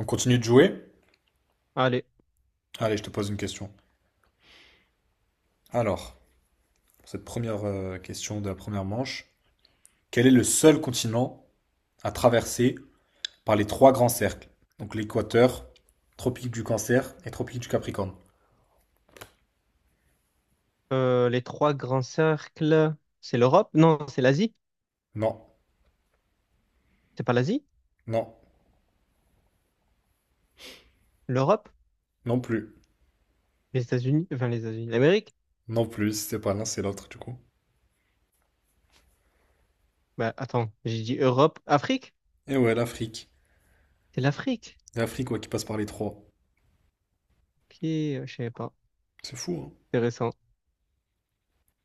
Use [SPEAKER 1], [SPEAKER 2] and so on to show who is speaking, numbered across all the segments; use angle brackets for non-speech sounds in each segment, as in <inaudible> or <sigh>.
[SPEAKER 1] On continue de jouer?
[SPEAKER 2] Allez,
[SPEAKER 1] Allez, je te pose une question. Alors, pour cette première question de la première manche, quel est le seul continent à traverser par les trois grands cercles? Donc l'équateur, tropique du Cancer et tropique du Capricorne.
[SPEAKER 2] les trois grands cercles, c'est l'Europe? Non, c'est l'Asie.
[SPEAKER 1] Non,
[SPEAKER 2] C'est pas l'Asie?
[SPEAKER 1] non,
[SPEAKER 2] L'Europe?
[SPEAKER 1] non plus.
[SPEAKER 2] Les États-Unis? Enfin, les États-Unis, l'Amérique?
[SPEAKER 1] Non plus, si c'est pas l'un, c'est l'autre du coup.
[SPEAKER 2] Bah, attends, j'ai dit Europe, Afrique?
[SPEAKER 1] Et ouais, l'Afrique.
[SPEAKER 2] C'est l'Afrique.
[SPEAKER 1] L'Afrique, ouais, qui passe par les trois.
[SPEAKER 2] Ok, je savais pas.
[SPEAKER 1] C'est fou, hein?
[SPEAKER 2] Intéressant.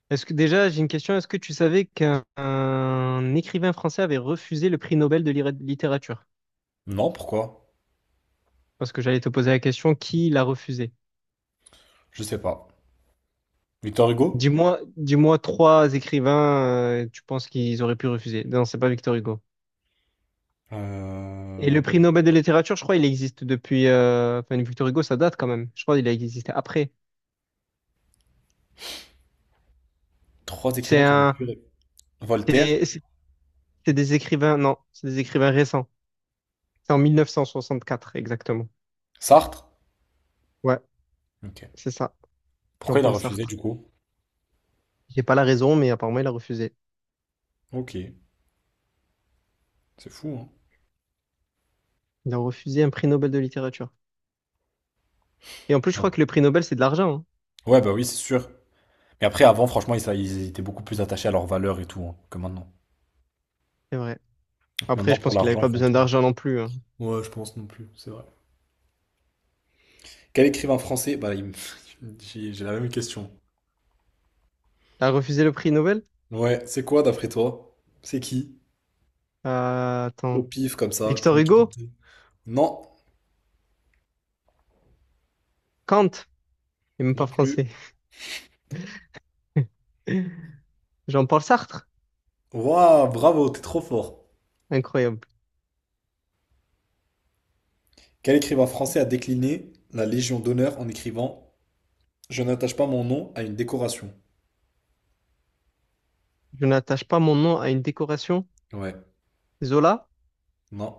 [SPEAKER 2] Est-ce que déjà, j'ai une question. Est-ce que tu savais qu'un un écrivain français avait refusé le prix Nobel de littérature?
[SPEAKER 1] Non, pourquoi?
[SPEAKER 2] Parce que j'allais te poser la question, qui l'a refusé?
[SPEAKER 1] Je sais pas. Victor Hugo?
[SPEAKER 2] Dis-moi, dis-moi trois écrivains, tu penses qu'ils auraient pu refuser. Non, c'est pas Victor Hugo. Et
[SPEAKER 1] Euh,
[SPEAKER 2] le prix Nobel de littérature, je crois, il existe depuis. Enfin, Victor Hugo, ça date quand même. Je crois qu'il a existé après.
[SPEAKER 1] Trois
[SPEAKER 2] C'est
[SPEAKER 1] écrivains qui avaient
[SPEAKER 2] un.
[SPEAKER 1] pu... Voltaire?
[SPEAKER 2] C'est c'est- c'est des écrivains. Non, c'est des écrivains récents. C'est en 1964, exactement.
[SPEAKER 1] Sartre?
[SPEAKER 2] Ouais,
[SPEAKER 1] Ok.
[SPEAKER 2] c'est ça.
[SPEAKER 1] Pourquoi il a
[SPEAKER 2] Jean-Paul
[SPEAKER 1] refusé du
[SPEAKER 2] Sartre.
[SPEAKER 1] coup?
[SPEAKER 2] J'ai pas la raison, mais apparemment, il a refusé.
[SPEAKER 1] Ok, c'est fou, hein.
[SPEAKER 2] Il a refusé un prix Nobel de littérature. Et en plus, je
[SPEAKER 1] Ouais,
[SPEAKER 2] crois que le prix Nobel, c'est de l'argent, hein.
[SPEAKER 1] ouais, bah oui, c'est sûr. Mais après, avant, franchement, ils étaient beaucoup plus attachés à leurs valeurs et tout, hein, que maintenant.
[SPEAKER 2] C'est vrai. Après,
[SPEAKER 1] Maintenant,
[SPEAKER 2] je
[SPEAKER 1] pour
[SPEAKER 2] pense qu'il avait
[SPEAKER 1] l'argent,
[SPEAKER 2] pas
[SPEAKER 1] ils font
[SPEAKER 2] besoin
[SPEAKER 1] tout.
[SPEAKER 2] d'argent non plus, hein.
[SPEAKER 1] Ouais, je pense non plus, c'est vrai. Quel écrivain français? Bah, <laughs> j'ai la même question.
[SPEAKER 2] Il a refusé le prix Nobel?
[SPEAKER 1] Ouais, c'est quoi d'après toi? C'est qui? Au
[SPEAKER 2] Attends.
[SPEAKER 1] pif, comme ça, le
[SPEAKER 2] Victor
[SPEAKER 1] premier qui
[SPEAKER 2] Hugo?
[SPEAKER 1] tentait. Non,
[SPEAKER 2] Kant? Il est même pas
[SPEAKER 1] non plus.
[SPEAKER 2] français. <laughs> Jean-Paul Sartre?
[SPEAKER 1] Waouh, bravo, t'es trop fort.
[SPEAKER 2] Incroyable.
[SPEAKER 1] Quel écrivain français a décliné la Légion d'honneur en écrivant : « Je n'attache pas mon nom à une décoration »?
[SPEAKER 2] Je n'attache pas mon nom à une décoration.
[SPEAKER 1] Ouais,
[SPEAKER 2] Zola?
[SPEAKER 1] non,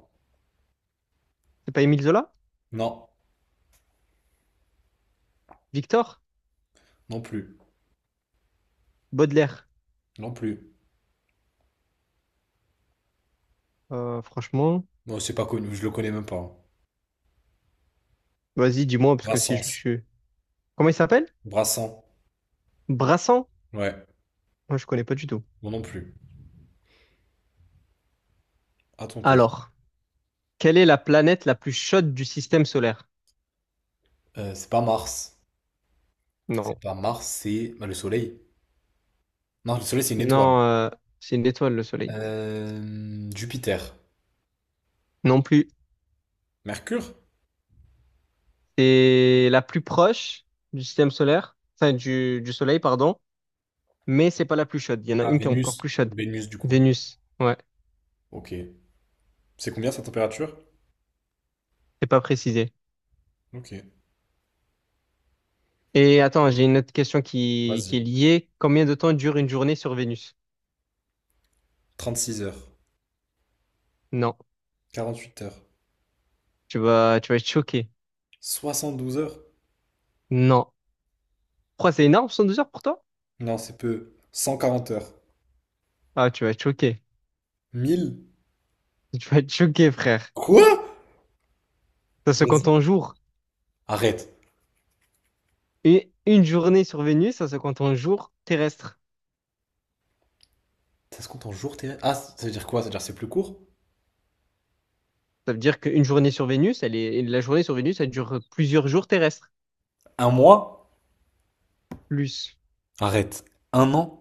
[SPEAKER 2] C'est pas Émile Zola?
[SPEAKER 1] non,
[SPEAKER 2] Victor?
[SPEAKER 1] non plus,
[SPEAKER 2] Baudelaire?
[SPEAKER 1] non plus.
[SPEAKER 2] Franchement,
[SPEAKER 1] Non, c'est pas connu, je le connais même pas, hein.
[SPEAKER 2] vas-y, dis-moi, parce que si je le
[SPEAKER 1] Brassens.
[SPEAKER 2] suis. Comment il s'appelle?
[SPEAKER 1] Brassens.
[SPEAKER 2] Brassan?
[SPEAKER 1] Ouais,
[SPEAKER 2] Moi, je connais pas du tout.
[SPEAKER 1] moi non plus. À ton tour.
[SPEAKER 2] Alors, quelle est la planète la plus chaude du système solaire?
[SPEAKER 1] C'est pas Mars.
[SPEAKER 2] Non.
[SPEAKER 1] C'est pas Mars, c'est bah, le Soleil. Non, le Soleil, c'est une étoile.
[SPEAKER 2] Non, c'est une étoile, le Soleil.
[SPEAKER 1] Jupiter.
[SPEAKER 2] Non plus.
[SPEAKER 1] Mercure?
[SPEAKER 2] C'est la plus proche du système solaire, enfin, du Soleil, pardon, mais c'est pas la plus chaude. Il y en a
[SPEAKER 1] Ah,
[SPEAKER 2] une qui est encore
[SPEAKER 1] Vénus.
[SPEAKER 2] plus chaude.
[SPEAKER 1] Vénus, du coup.
[SPEAKER 2] Vénus. Ouais,
[SPEAKER 1] Ok. C'est combien sa température?
[SPEAKER 2] c'est pas précisé.
[SPEAKER 1] Ok.
[SPEAKER 2] Et attends, j'ai une autre question qui est
[SPEAKER 1] Vas-y.
[SPEAKER 2] liée. Combien de temps dure une journée sur Vénus?
[SPEAKER 1] 36 heures.
[SPEAKER 2] Non.
[SPEAKER 1] 48 heures.
[SPEAKER 2] Tu vas être choqué.
[SPEAKER 1] 72 heures?
[SPEAKER 2] Non. Pourquoi c'est énorme, 112 heures pour toi?
[SPEAKER 1] Non, c'est peu. 140 heures.
[SPEAKER 2] Ah, tu vas être choqué.
[SPEAKER 1] Mille.
[SPEAKER 2] <laughs> Tu vas être choqué, frère.
[SPEAKER 1] Quoi?
[SPEAKER 2] Ça se compte
[SPEAKER 1] Vas-y.
[SPEAKER 2] en jours.
[SPEAKER 1] Arrête.
[SPEAKER 2] Une journée sur Vénus, ça se compte en jours terrestres.
[SPEAKER 1] Ça se compte en jours, tes... Ah, ça veut dire quoi? Ça veut dire c'est plus court?
[SPEAKER 2] Ça veut dire qu'une journée sur Vénus, la journée sur Vénus, elle dure plusieurs jours terrestres.
[SPEAKER 1] Un mois?
[SPEAKER 2] Plus
[SPEAKER 1] Arrête. Un an?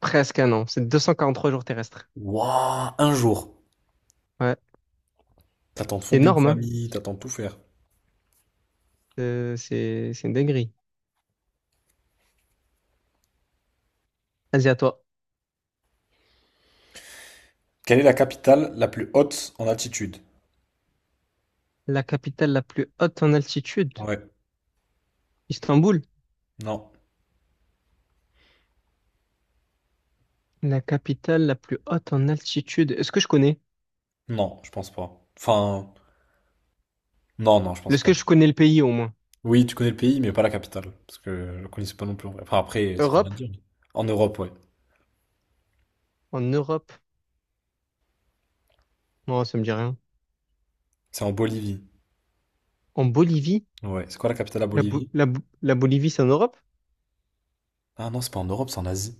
[SPEAKER 2] presque un an. C'est 243 jours terrestres.
[SPEAKER 1] Waouh, un jour.
[SPEAKER 2] Ouais.
[SPEAKER 1] T'attends de
[SPEAKER 2] C'est
[SPEAKER 1] fonder une
[SPEAKER 2] énorme, hein?
[SPEAKER 1] famille, t'attends de tout faire.
[SPEAKER 2] C'est une dinguerie. Vas-y, à toi.
[SPEAKER 1] Quelle est la capitale la plus haute en altitude?
[SPEAKER 2] La capitale la plus haute en altitude.
[SPEAKER 1] Ouais.
[SPEAKER 2] Istanbul,
[SPEAKER 1] Non.
[SPEAKER 2] la capitale la plus haute en altitude. Est-ce que je connais?
[SPEAKER 1] Non, je pense pas. Enfin, non, non, je pense
[SPEAKER 2] Est-ce
[SPEAKER 1] pas.
[SPEAKER 2] que je connais le pays au moins?
[SPEAKER 1] Oui, tu connais le pays, mais pas la capitale. Parce que je le connaissais pas non plus, en vrai. Enfin, après, ça veut rien
[SPEAKER 2] Europe?
[SPEAKER 1] dire. En Europe, ouais.
[SPEAKER 2] En Europe? Non, ça me dit rien.
[SPEAKER 1] C'est en Bolivie.
[SPEAKER 2] En Bolivie?
[SPEAKER 1] Ouais. C'est quoi la capitale à
[SPEAKER 2] La, Bo-
[SPEAKER 1] Bolivie?
[SPEAKER 2] la Bo- la Bolivie, c'est en Europe?
[SPEAKER 1] Ah non, c'est pas en Europe, c'est en Asie.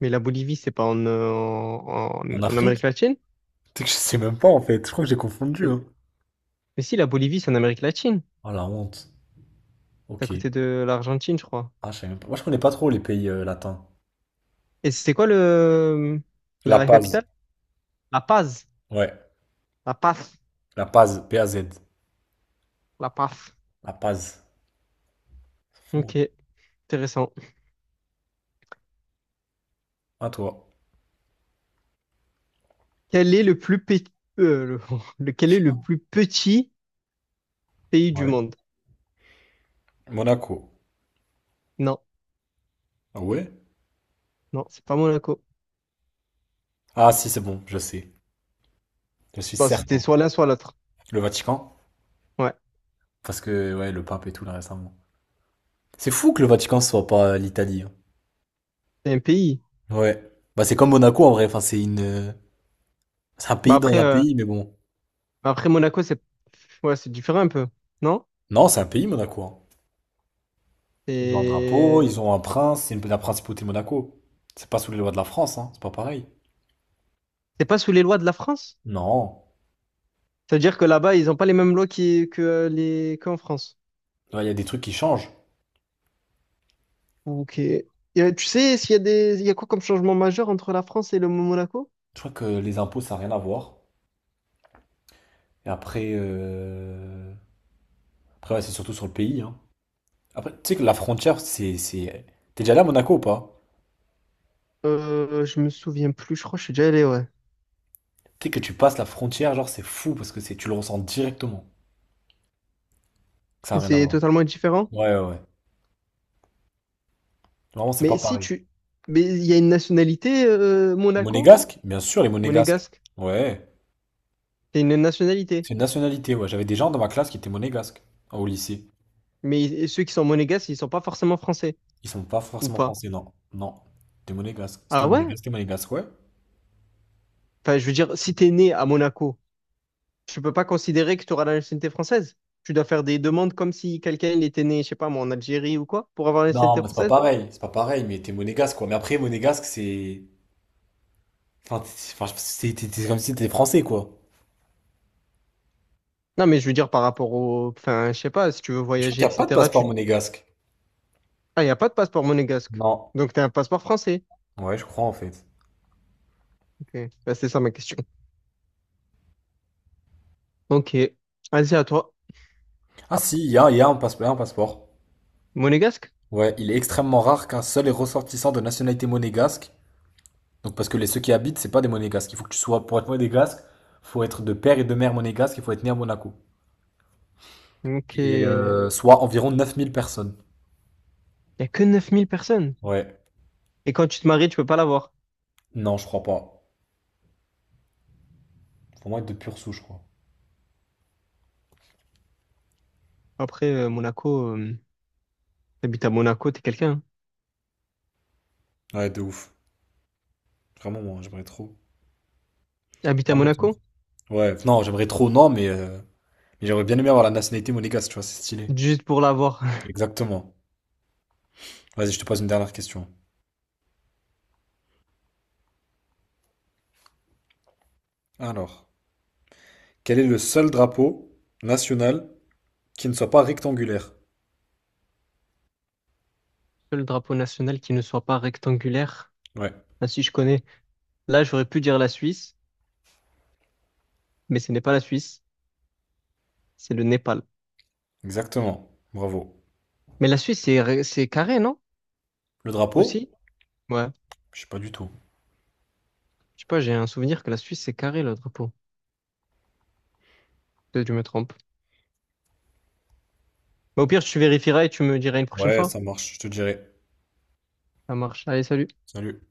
[SPEAKER 2] Mais la Bolivie, c'est pas en,
[SPEAKER 1] En
[SPEAKER 2] en Amérique
[SPEAKER 1] Afrique?
[SPEAKER 2] latine?
[SPEAKER 1] <laughs> C'est que je sais même pas en fait. Je crois que j'ai confondu,
[SPEAKER 2] Mais
[SPEAKER 1] hein.
[SPEAKER 2] mais si, la Bolivie, c'est en Amérique latine.
[SPEAKER 1] Ah la honte.
[SPEAKER 2] C'est à
[SPEAKER 1] Ok.
[SPEAKER 2] côté de l'Argentine, je crois.
[SPEAKER 1] Ah, je savais même pas. Moi, je connais pas trop les pays latins.
[SPEAKER 2] Et c'est quoi le,
[SPEAKER 1] La
[SPEAKER 2] la
[SPEAKER 1] Paz.
[SPEAKER 2] capitale? La Paz.
[SPEAKER 1] Ouais.
[SPEAKER 2] La Paz.
[SPEAKER 1] La Paz. Paz.
[SPEAKER 2] La Paz.
[SPEAKER 1] La Paz. Fou.
[SPEAKER 2] Ok, intéressant.
[SPEAKER 1] À toi.
[SPEAKER 2] Quel est le plus, pe- le- <laughs> lequel est le plus petit pays du
[SPEAKER 1] Ouais.
[SPEAKER 2] monde?
[SPEAKER 1] Monaco.
[SPEAKER 2] Non,
[SPEAKER 1] Ah ouais.
[SPEAKER 2] non, c'est pas Monaco.
[SPEAKER 1] Ah si, c'est bon, je sais. Je suis
[SPEAKER 2] Bon, c'était
[SPEAKER 1] certain.
[SPEAKER 2] soit l'un, soit l'autre.
[SPEAKER 1] Le Vatican.
[SPEAKER 2] Ouais,
[SPEAKER 1] Parce que, ouais, le pape et tout, là, récemment. C'est fou que le Vatican soit pas l'Italie, hein.
[SPEAKER 2] c'est un pays.
[SPEAKER 1] Ouais. Bah, c'est comme Monaco, en vrai. Enfin, C'est un
[SPEAKER 2] Mais
[SPEAKER 1] pays dans un pays, mais bon.
[SPEAKER 2] après Monaco, c'est ouais, c'est différent un peu, non?
[SPEAKER 1] Non, c'est un pays, Monaco, hein. Ils ont un drapeau, ils
[SPEAKER 2] C'est
[SPEAKER 1] ont un prince. La principauté Monaco. C'est pas sous les lois de la France, hein. C'est pas pareil.
[SPEAKER 2] c'est pas sous les lois de la France?
[SPEAKER 1] Non.
[SPEAKER 2] Ça veut dire que là-bas, ils n'ont pas les mêmes lois qui- que les qu'en France.
[SPEAKER 1] Là, il y a des trucs qui changent.
[SPEAKER 2] Ok. Tu sais, s'il y a des, il y a quoi comme changement majeur entre la France et le Monaco?
[SPEAKER 1] Je crois que les impôts, ça n'a rien à voir. Et après, ouais, c'est surtout sur le pays, hein. Après, tu sais que la frontière, c'est... T'es déjà allé à Monaco ou pas?
[SPEAKER 2] Je me souviens plus. Je crois que je suis déjà allé, ouais.
[SPEAKER 1] Tu sais que tu passes la frontière, genre, c'est fou parce que c'est, tu le ressens directement. Ça n'a
[SPEAKER 2] Mais
[SPEAKER 1] rien à
[SPEAKER 2] c'est
[SPEAKER 1] voir.
[SPEAKER 2] totalement différent.
[SPEAKER 1] Ouais, ouais, ouais. Vraiment, c'est pas
[SPEAKER 2] Mais si
[SPEAKER 1] pareil.
[SPEAKER 2] tu, mais il y a une nationalité
[SPEAKER 1] Les
[SPEAKER 2] Monaco,
[SPEAKER 1] monégasques? Bien sûr, les monégasques.
[SPEAKER 2] monégasque.
[SPEAKER 1] Ouais.
[SPEAKER 2] C'est une nationalité.
[SPEAKER 1] C'est une nationalité, ouais. J'avais des gens dans ma classe qui étaient monégasques au lycée.
[SPEAKER 2] Mais ceux qui sont monégasques, ils sont pas forcément français,
[SPEAKER 1] Ils sont pas
[SPEAKER 2] ou
[SPEAKER 1] forcément
[SPEAKER 2] pas?
[SPEAKER 1] français, non. Non. T'es monégasque. C'était
[SPEAKER 2] Ah ouais?
[SPEAKER 1] monégasque, t'es monégasque, ouais.
[SPEAKER 2] Enfin, je veux dire, si t'es né à Monaco, tu peux pas considérer que tu auras la nationalité française. Tu dois faire des demandes comme si quelqu'un il était né, je sais pas, moi, en Algérie ou quoi, pour avoir la
[SPEAKER 1] Non,
[SPEAKER 2] nationalité
[SPEAKER 1] mais
[SPEAKER 2] française.
[SPEAKER 1] c'est pas pareil, mais t'es monégasque quoi. Mais après, monégasque, c'est. Enfin, c'est comme si t'étais français, quoi.
[SPEAKER 2] Non, mais je veux dire par rapport au, enfin, je sais pas, si tu veux
[SPEAKER 1] Mais je crois
[SPEAKER 2] voyager,
[SPEAKER 1] qu'il n'y a pas de
[SPEAKER 2] etc.
[SPEAKER 1] passeport monégasque.
[SPEAKER 2] Ah, y a pas de passeport monégasque.
[SPEAKER 1] Non.
[SPEAKER 2] Donc t'as un passeport français.
[SPEAKER 1] Ouais, je crois, en fait.
[SPEAKER 2] Ok. Bah, c'est ça ma question. Ok. Allez, à toi.
[SPEAKER 1] Ah si, il y a un passeport, un passeport.
[SPEAKER 2] Monégasque?
[SPEAKER 1] Ouais, il est extrêmement rare qu'un seul est ressortissant de nationalité monégasque. Donc, parce que les ceux qui habitent, c'est pas des monégasques. Il faut que tu sois, pour être monégasque, faut être de père et de mère monégasque, il faut être né à Monaco.
[SPEAKER 2] Ok.
[SPEAKER 1] Et
[SPEAKER 2] Y
[SPEAKER 1] soit environ 9 000 personnes.
[SPEAKER 2] a que 9 000 personnes.
[SPEAKER 1] Ouais.
[SPEAKER 2] Et quand tu te maries, tu peux pas l'avoir.
[SPEAKER 1] Non, je crois pas. Faut vraiment être de pure souche, je crois.
[SPEAKER 2] Après, Monaco. T'habites à Monaco, t'es quelqu'un, hein.
[SPEAKER 1] Ouais, de ouf. Vraiment, moi, j'aimerais trop.
[SPEAKER 2] T'habites à
[SPEAKER 1] Vraiment trop.
[SPEAKER 2] Monaco?
[SPEAKER 1] Ouais, non, j'aimerais trop, non, Mais j'aurais bien aimé avoir la nationalité monégasque, tu vois, c'est stylé.
[SPEAKER 2] Juste pour l'avoir. <laughs>
[SPEAKER 1] Exactement. Vas-y, je te pose une dernière question. Alors, quel est le seul drapeau national qui ne soit pas rectangulaire?
[SPEAKER 2] Le drapeau national qui ne soit pas rectangulaire.
[SPEAKER 1] Ouais,
[SPEAKER 2] Ah si, je connais. Là, j'aurais pu dire la Suisse, mais ce n'est pas la Suisse, c'est le Népal.
[SPEAKER 1] exactement. Bravo.
[SPEAKER 2] Mais la Suisse, c'est carré, non?
[SPEAKER 1] Le drapeau?
[SPEAKER 2] Aussi? Ouais.
[SPEAKER 1] Je sais pas du tout.
[SPEAKER 2] Je sais pas, j'ai un souvenir que la Suisse, c'est carré, le drapeau. Peut-être que je me trompe. Mais au pire, tu vérifieras et tu me diras une prochaine
[SPEAKER 1] Ouais,
[SPEAKER 2] fois.
[SPEAKER 1] ça marche, je te dirai.
[SPEAKER 2] Ça marche. Allez, salut.
[SPEAKER 1] Salut.